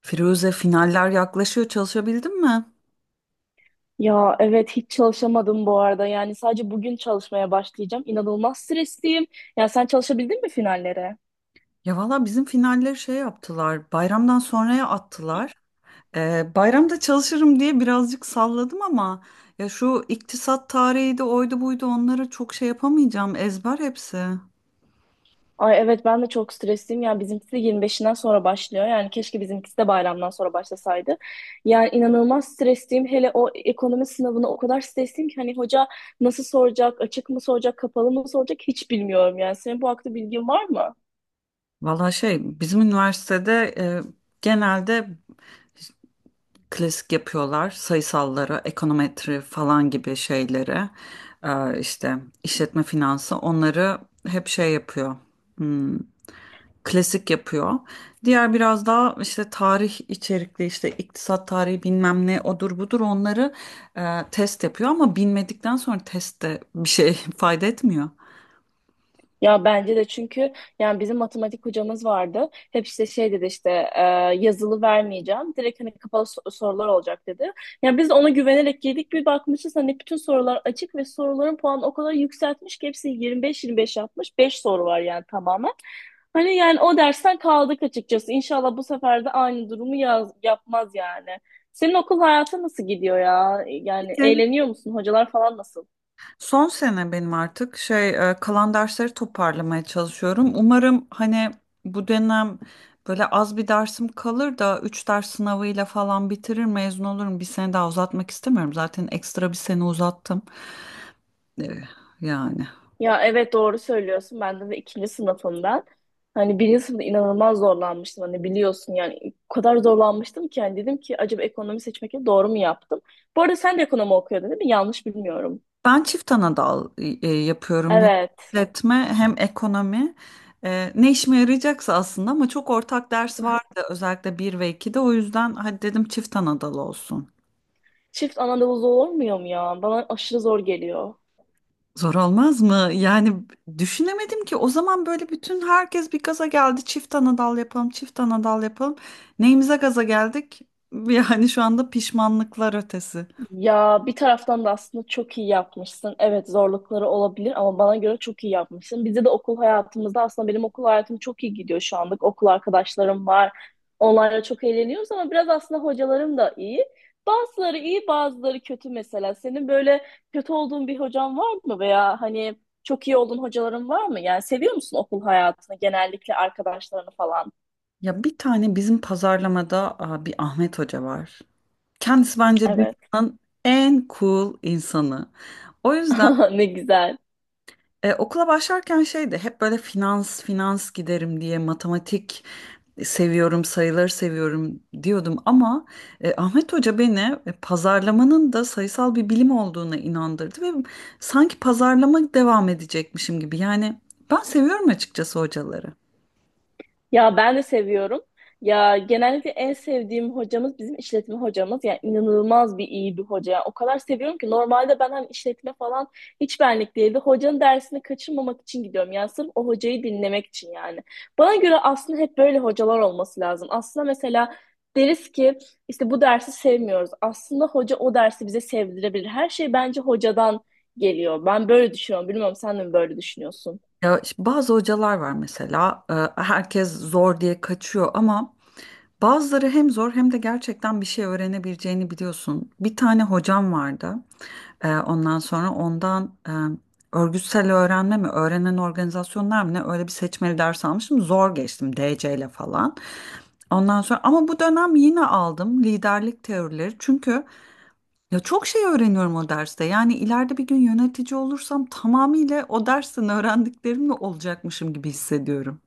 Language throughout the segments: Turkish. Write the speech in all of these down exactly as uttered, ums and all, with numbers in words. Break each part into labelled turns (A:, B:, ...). A: Firuze, finaller yaklaşıyor, çalışabildin mi?
B: Ya evet hiç çalışamadım bu arada. Yani sadece bugün çalışmaya başlayacağım. İnanılmaz stresliyim. Ya sen çalışabildin mi finallere?
A: Ya valla bizim finalleri şey yaptılar, bayramdan sonraya attılar. Ee, bayramda çalışırım diye birazcık salladım ama ya şu iktisat tarihi de oydu buydu onları çok şey yapamayacağım, ezber hepsi.
B: Ay evet ben de çok stresliyim. Yani bizimkisi de yirmi beşinden sonra başlıyor. Yani keşke bizimkisi de bayramdan sonra başlasaydı. Yani inanılmaz stresliyim. Hele o ekonomi sınavına o kadar stresliyim ki hani hoca nasıl soracak, açık mı soracak, kapalı mı soracak hiç bilmiyorum yani. Senin bu hakta bilgin var mı?
A: Valla şey bizim üniversitede e, genelde klasik yapıyorlar sayısalları, ekonometri falan gibi şeyleri. Ee, işte işletme finansı, onları hep şey yapıyor. Hmm. Klasik yapıyor. Diğer biraz daha işte tarih içerikli, işte iktisat tarihi bilmem ne, odur budur, onları e, test yapıyor ama bilmedikten sonra test de bir şey fayda etmiyor.
B: Ya bence de çünkü yani bizim matematik hocamız vardı. Hep işte şey dedi işte e, yazılı vermeyeceğim. Direkt hani kapalı so- sorular olacak dedi. Yani biz de ona güvenerek girdik. Bir bakmışız hani bütün sorular açık ve soruların puanı o kadar yükseltmiş ki hepsi yirmi beş yirmi beş yapmış. Beş soru var yani tamamen. Hani yani o dersten kaldık açıkçası. İnşallah bu sefer de aynı durumu yaz, yapmaz yani. Senin okul hayatı nasıl gidiyor ya? Yani
A: Evet.
B: eğleniyor musun? Hocalar falan nasıl?
A: Son sene benim artık şey e, kalan dersleri toparlamaya çalışıyorum. Umarım hani bu dönem böyle az bir dersim kalır da üç ders sınavıyla falan bitirir, mezun olurum. Bir sene daha uzatmak istemiyorum. Zaten ekstra bir sene uzattım. E, Yani.
B: Ya evet doğru söylüyorsun. Ben de, de ikinci sınıfımdan. Hani birinci sınıfta inanılmaz zorlanmıştım. Hani biliyorsun yani o kadar zorlanmıştım ki hani dedim ki acaba ekonomi seçmekle doğru mu yaptım? Bu arada sen de ekonomi okuyordun değil mi? Yanlış bilmiyorum.
A: Ben çift anadal e, yapıyorum. Hem
B: Evet.
A: işletme hem ekonomi. E, ne işime yarayacaksa aslında ama çok ortak ders vardı, özellikle bir ve ikide, o yüzden hadi dedim çift anadal olsun.
B: Çift ana olur olmuyor mu ya? Bana aşırı zor geliyor.
A: Zor olmaz mı? Yani düşünemedim ki o zaman, böyle bütün herkes bir gaza geldi, çift anadal yapalım çift anadal yapalım. Neyimize gaza geldik? Yani şu anda pişmanlıklar ötesi.
B: Ya bir taraftan da aslında çok iyi yapmışsın. Evet zorlukları olabilir ama bana göre çok iyi yapmışsın. Bizde de okul hayatımızda aslında benim okul hayatım çok iyi gidiyor şu anlık. Okul arkadaşlarım var. Onlarla çok eğleniyoruz ama biraz aslında hocalarım da iyi. Bazıları iyi, bazıları kötü mesela. Senin böyle kötü olduğun bir hocan var mı veya hani çok iyi olduğun hocaların var mı? Yani seviyor musun okul hayatını, genellikle arkadaşlarını falan?
A: Ya bir tane bizim pazarlamada aa, bir Ahmet Hoca var. Kendisi bence
B: Evet.
A: dünyanın en cool insanı. O yüzden
B: Ne güzel.
A: e, okula başlarken şeydi, hep böyle finans finans giderim diye, matematik seviyorum, sayıları seviyorum diyordum ama e, Ahmet Hoca beni e, pazarlamanın da sayısal bir bilim olduğuna inandırdı ve sanki pazarlama devam edecekmişim gibi, yani ben seviyorum açıkçası hocaları.
B: Ya ben de seviyorum. Ya genellikle en sevdiğim hocamız bizim işletme hocamız. Yani inanılmaz bir iyi bir hoca. Yani o kadar seviyorum ki normalde ben hani işletme falan hiç benlik değildi. Hocanın dersini kaçırmamak için gidiyorum. Yani sırf o hocayı dinlemek için yani. Bana göre aslında hep böyle hocalar olması lazım. Aslında mesela deriz ki işte bu dersi sevmiyoruz. Aslında hoca o dersi bize sevdirebilir. Her şey bence hocadan geliyor. Ben böyle düşünüyorum. Bilmiyorum sen de mi böyle düşünüyorsun?
A: Ya işte bazı hocalar var mesela e, herkes zor diye kaçıyor ama bazıları hem zor hem de gerçekten bir şey öğrenebileceğini biliyorsun. Bir tane hocam vardı. E, Ondan sonra, ondan e, örgütsel öğrenme mi, öğrenen organizasyonlar mı, ne, öyle bir seçmeli ders almıştım. Zor geçtim, D C ile falan. Ondan sonra ama bu dönem yine aldım liderlik teorileri, çünkü ya çok şey öğreniyorum o derste. Yani ileride bir gün yönetici olursam tamamıyla o dersten öğrendiklerimle olacakmışım gibi hissediyorum.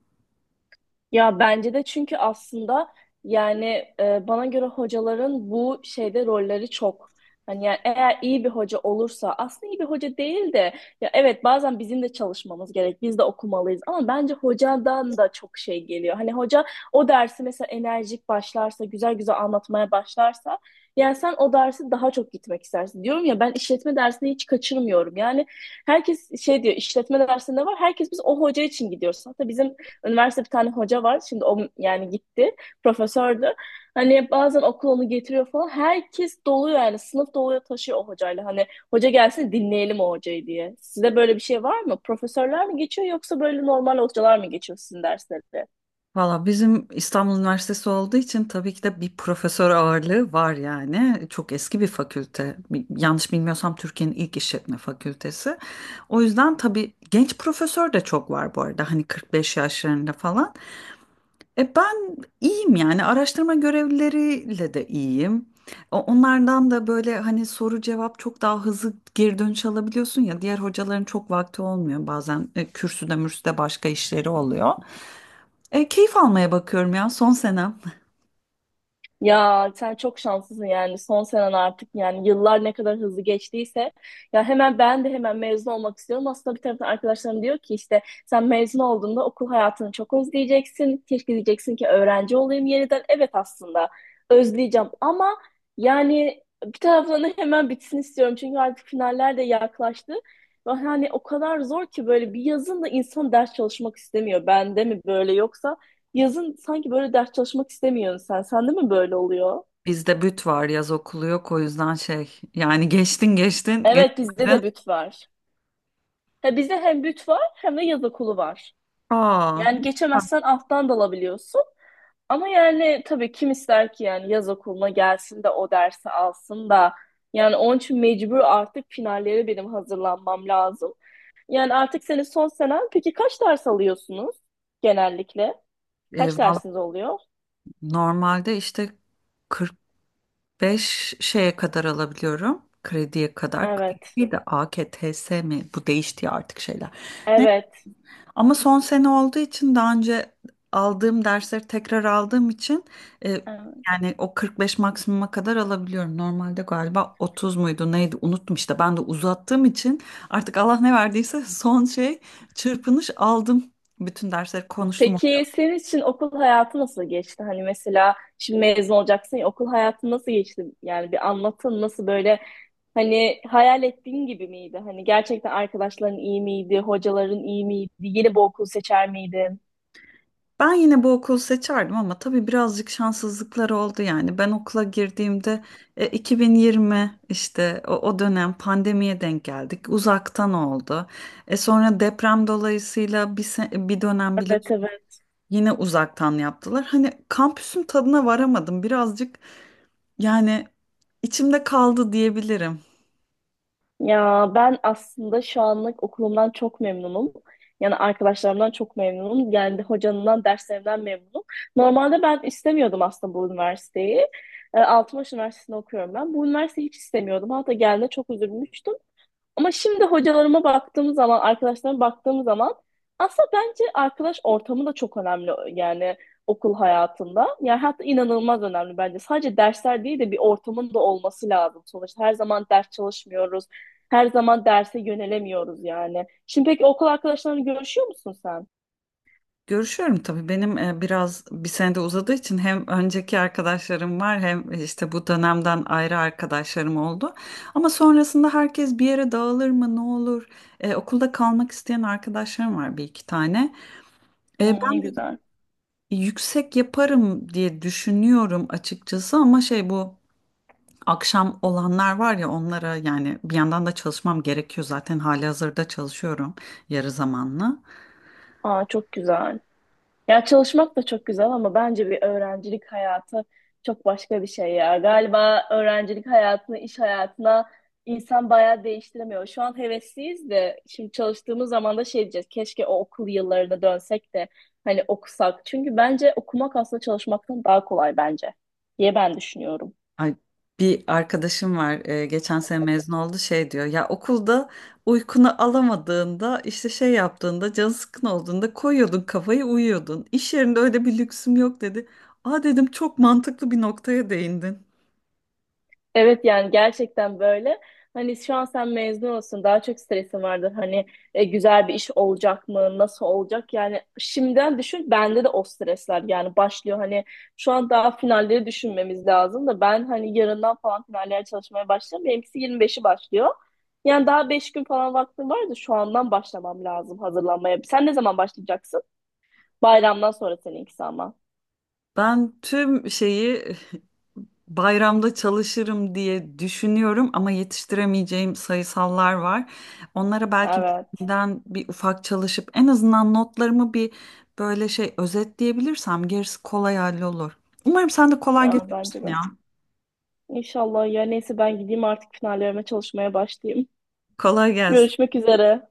B: Ya bence de çünkü aslında yani e, bana göre hocaların bu şeyde rolleri çok. Hani yani eğer iyi bir hoca olursa aslında iyi bir hoca değil de ya evet bazen bizim de çalışmamız gerek. Biz de okumalıyız ama bence hocadan da çok şey geliyor. Hani hoca o dersi mesela enerjik başlarsa, güzel güzel anlatmaya başlarsa yani sen o dersi daha çok gitmek istersin. Diyorum ya ben işletme dersini hiç kaçırmıyorum. Yani herkes şey diyor işletme dersinde var. Herkes biz o hoca için gidiyoruz. Hatta bizim üniversite bir tane hoca var. Şimdi o yani gitti. Profesördü. Hani bazen okul onu getiriyor falan. Herkes doluyor yani. Sınıf doluyor taşıyor o hocayla. Hani hoca gelsin dinleyelim o hocayı diye. Size böyle bir şey var mı? Profesörler mi geçiyor yoksa böyle normal hocalar mı geçiyor sizin derslerde?
A: Valla bizim İstanbul Üniversitesi olduğu için tabii ki de bir profesör ağırlığı var yani. Çok eski bir fakülte. Bi- Yanlış bilmiyorsam Türkiye'nin ilk işletme fakültesi. O yüzden tabii genç profesör de çok var bu arada. Hani kırk beş yaşlarında falan. E ben iyiyim yani, araştırma görevlileriyle de iyiyim. O- Onlardan da böyle hani soru cevap çok daha hızlı geri dönüş alabiliyorsun, ya diğer hocaların çok vakti olmuyor bazen, e, kürsüde mürsüde başka işleri oluyor. E, keyif almaya bakıyorum ya, son senem.
B: Ya sen çok şanslısın yani son senen artık yani yıllar ne kadar hızlı geçtiyse ya hemen ben de hemen mezun olmak istiyorum. Aslında bir taraftan arkadaşlarım diyor ki işte sen mezun olduğunda okul hayatını çok özleyeceksin. Keşke diyeceksin ki öğrenci olayım yeniden. Evet aslında özleyeceğim ama yani bir taraftan da hemen bitsin istiyorum. Çünkü artık finaller de yaklaştı. Ve hani o kadar zor ki böyle bir yazın da insan ders çalışmak istemiyor. Bende mi böyle yoksa yazın sanki böyle ders çalışmak istemiyorsun sen. Sende mi böyle oluyor?
A: Bizde büt var, yaz okulu yok, o yüzden şey, yani geçtin geçtin,
B: Evet bizde
A: geçmedin.
B: de büt var. Ha, bizde hem büt var hem de yaz okulu var.
A: Aa,
B: Yani geçemezsen alttan dalabiliyorsun. Ama yani tabii kim ister ki yani yaz okuluna gelsin de o dersi alsın da. Yani onun için mecbur artık finallere benim hazırlanmam lazım. Yani artık senin son senen. Peki kaç ders alıyorsunuz genellikle?
A: e,
B: Kaç
A: Valla
B: dersiniz oluyor?
A: normalde işte beş şeye kadar alabiliyorum. Krediye kadar.
B: Evet.
A: Bir de A K T S mi? Bu değişti ya artık şeyler. Ne?
B: Evet.
A: Ama son sene olduğu için, daha önce aldığım dersleri tekrar aldığım için e,
B: Evet.
A: yani o kırk beş maksimuma kadar alabiliyorum. Normalde galiba otuz muydu neydi, unuttum işte. Ben de uzattığım için artık Allah ne verdiyse son şey, çırpınış aldım. Bütün dersleri konuştum.
B: Peki senin için okul hayatı nasıl geçti? Hani mesela şimdi mezun olacaksın ya okul hayatı nasıl geçti? Yani bir anlatın nasıl böyle hani hayal ettiğin gibi miydi? Hani gerçekten arkadaşların iyi miydi? Hocaların iyi miydi? Yeni bir okul seçer miydin?
A: Ben yine bu okulu seçerdim ama tabii birazcık şanssızlıklar oldu yani. Ben okula girdiğimde e, iki bin yirmi, işte o, o dönem pandemiye denk geldik. Uzaktan oldu. E, sonra deprem dolayısıyla bir, se- bir dönem
B: Evet
A: biliyorsun
B: evet.
A: yine uzaktan yaptılar. Hani kampüsün tadına varamadım. Birazcık yani içimde kaldı diyebilirim.
B: Ya ben aslında şu anlık okulumdan çok memnunum. Yani arkadaşlarımdan çok memnunum. Yani hocanından, derslerimden memnunum. Normalde ben istemiyordum aslında bu üniversiteyi. E, Altınbaş Üniversitesi'nde okuyorum ben. Bu üniversiteyi hiç istemiyordum. Hatta geldiğinde çok üzülmüştüm. Ama şimdi hocalarıma baktığım zaman, arkadaşlarıma baktığım zaman aslında bence arkadaş ortamı da çok önemli yani okul hayatında. Yani hatta inanılmaz önemli bence. Sadece dersler değil de bir ortamın da olması lazım sonuçta. Her zaman ders çalışmıyoruz. Her zaman derse yönelemiyoruz yani. Şimdi peki okul arkadaşlarını görüşüyor musun sen?
A: Görüşüyorum tabii, benim e, biraz bir senede uzadığı için hem önceki arkadaşlarım var hem e, işte bu dönemden ayrı arkadaşlarım oldu. Ama sonrasında herkes bir yere dağılır mı, ne olur? E, okulda kalmak isteyen arkadaşlarım var bir iki tane. E,
B: Hmm, ne
A: ben de
B: güzel.
A: yüksek yaparım diye düşünüyorum açıkçası ama şey, bu akşam olanlar var ya, onlara yani, bir yandan da çalışmam gerekiyor, zaten halihazırda çalışıyorum yarı zamanlı.
B: Aa çok güzel. Ya çalışmak da çok güzel ama bence bir öğrencilik hayatı çok başka bir şey ya. Galiba öğrencilik hayatını iş hayatına insan bayağı değiştiremiyor. Şu an hevesliyiz de şimdi çalıştığımız zaman da şey diyeceğiz. Keşke o okul yıllarına dönsek de hani okusak. Çünkü bence okumak aslında çalışmaktan daha kolay bence diye ben düşünüyorum.
A: Ay, bir arkadaşım var, e, geçen sene mezun oldu, şey diyor ya, okulda uykunu alamadığında işte, şey yaptığında, canı sıkkın olduğunda koyuyordun kafayı, uyuyordun, iş yerinde öyle bir lüksüm yok dedi. Aa dedim, çok mantıklı bir noktaya değindin.
B: Evet yani gerçekten böyle. Hani şu an sen mezun olsun daha çok stresin vardır. Hani e, güzel bir iş olacak mı? Nasıl olacak? Yani şimdiden düşün bende de o stresler yani başlıyor. Hani şu an daha finalleri düşünmemiz lazım da ben hani yarından falan finallere çalışmaya başlayacağım. Benimkisi yirmi beşi başlıyor. Yani daha beş gün falan vaktim var da şu andan başlamam lazım hazırlanmaya. Sen ne zaman başlayacaksın? Bayramdan sonra seninkisi ama.
A: Ben tüm şeyi bayramda çalışırım diye düşünüyorum ama yetiştiremeyeceğim sayısallar var. Onlara belki
B: Evet.
A: benden bir ufak çalışıp en azından notlarımı bir böyle şey özetleyebilirsem gerisi kolay hallolur. Umarım sen de kolay
B: Ya bence
A: geçersin
B: de.
A: ya.
B: İnşallah ya neyse ben gideyim artık finallerime çalışmaya başlayayım.
A: Kolay gelsin.
B: Görüşmek üzere.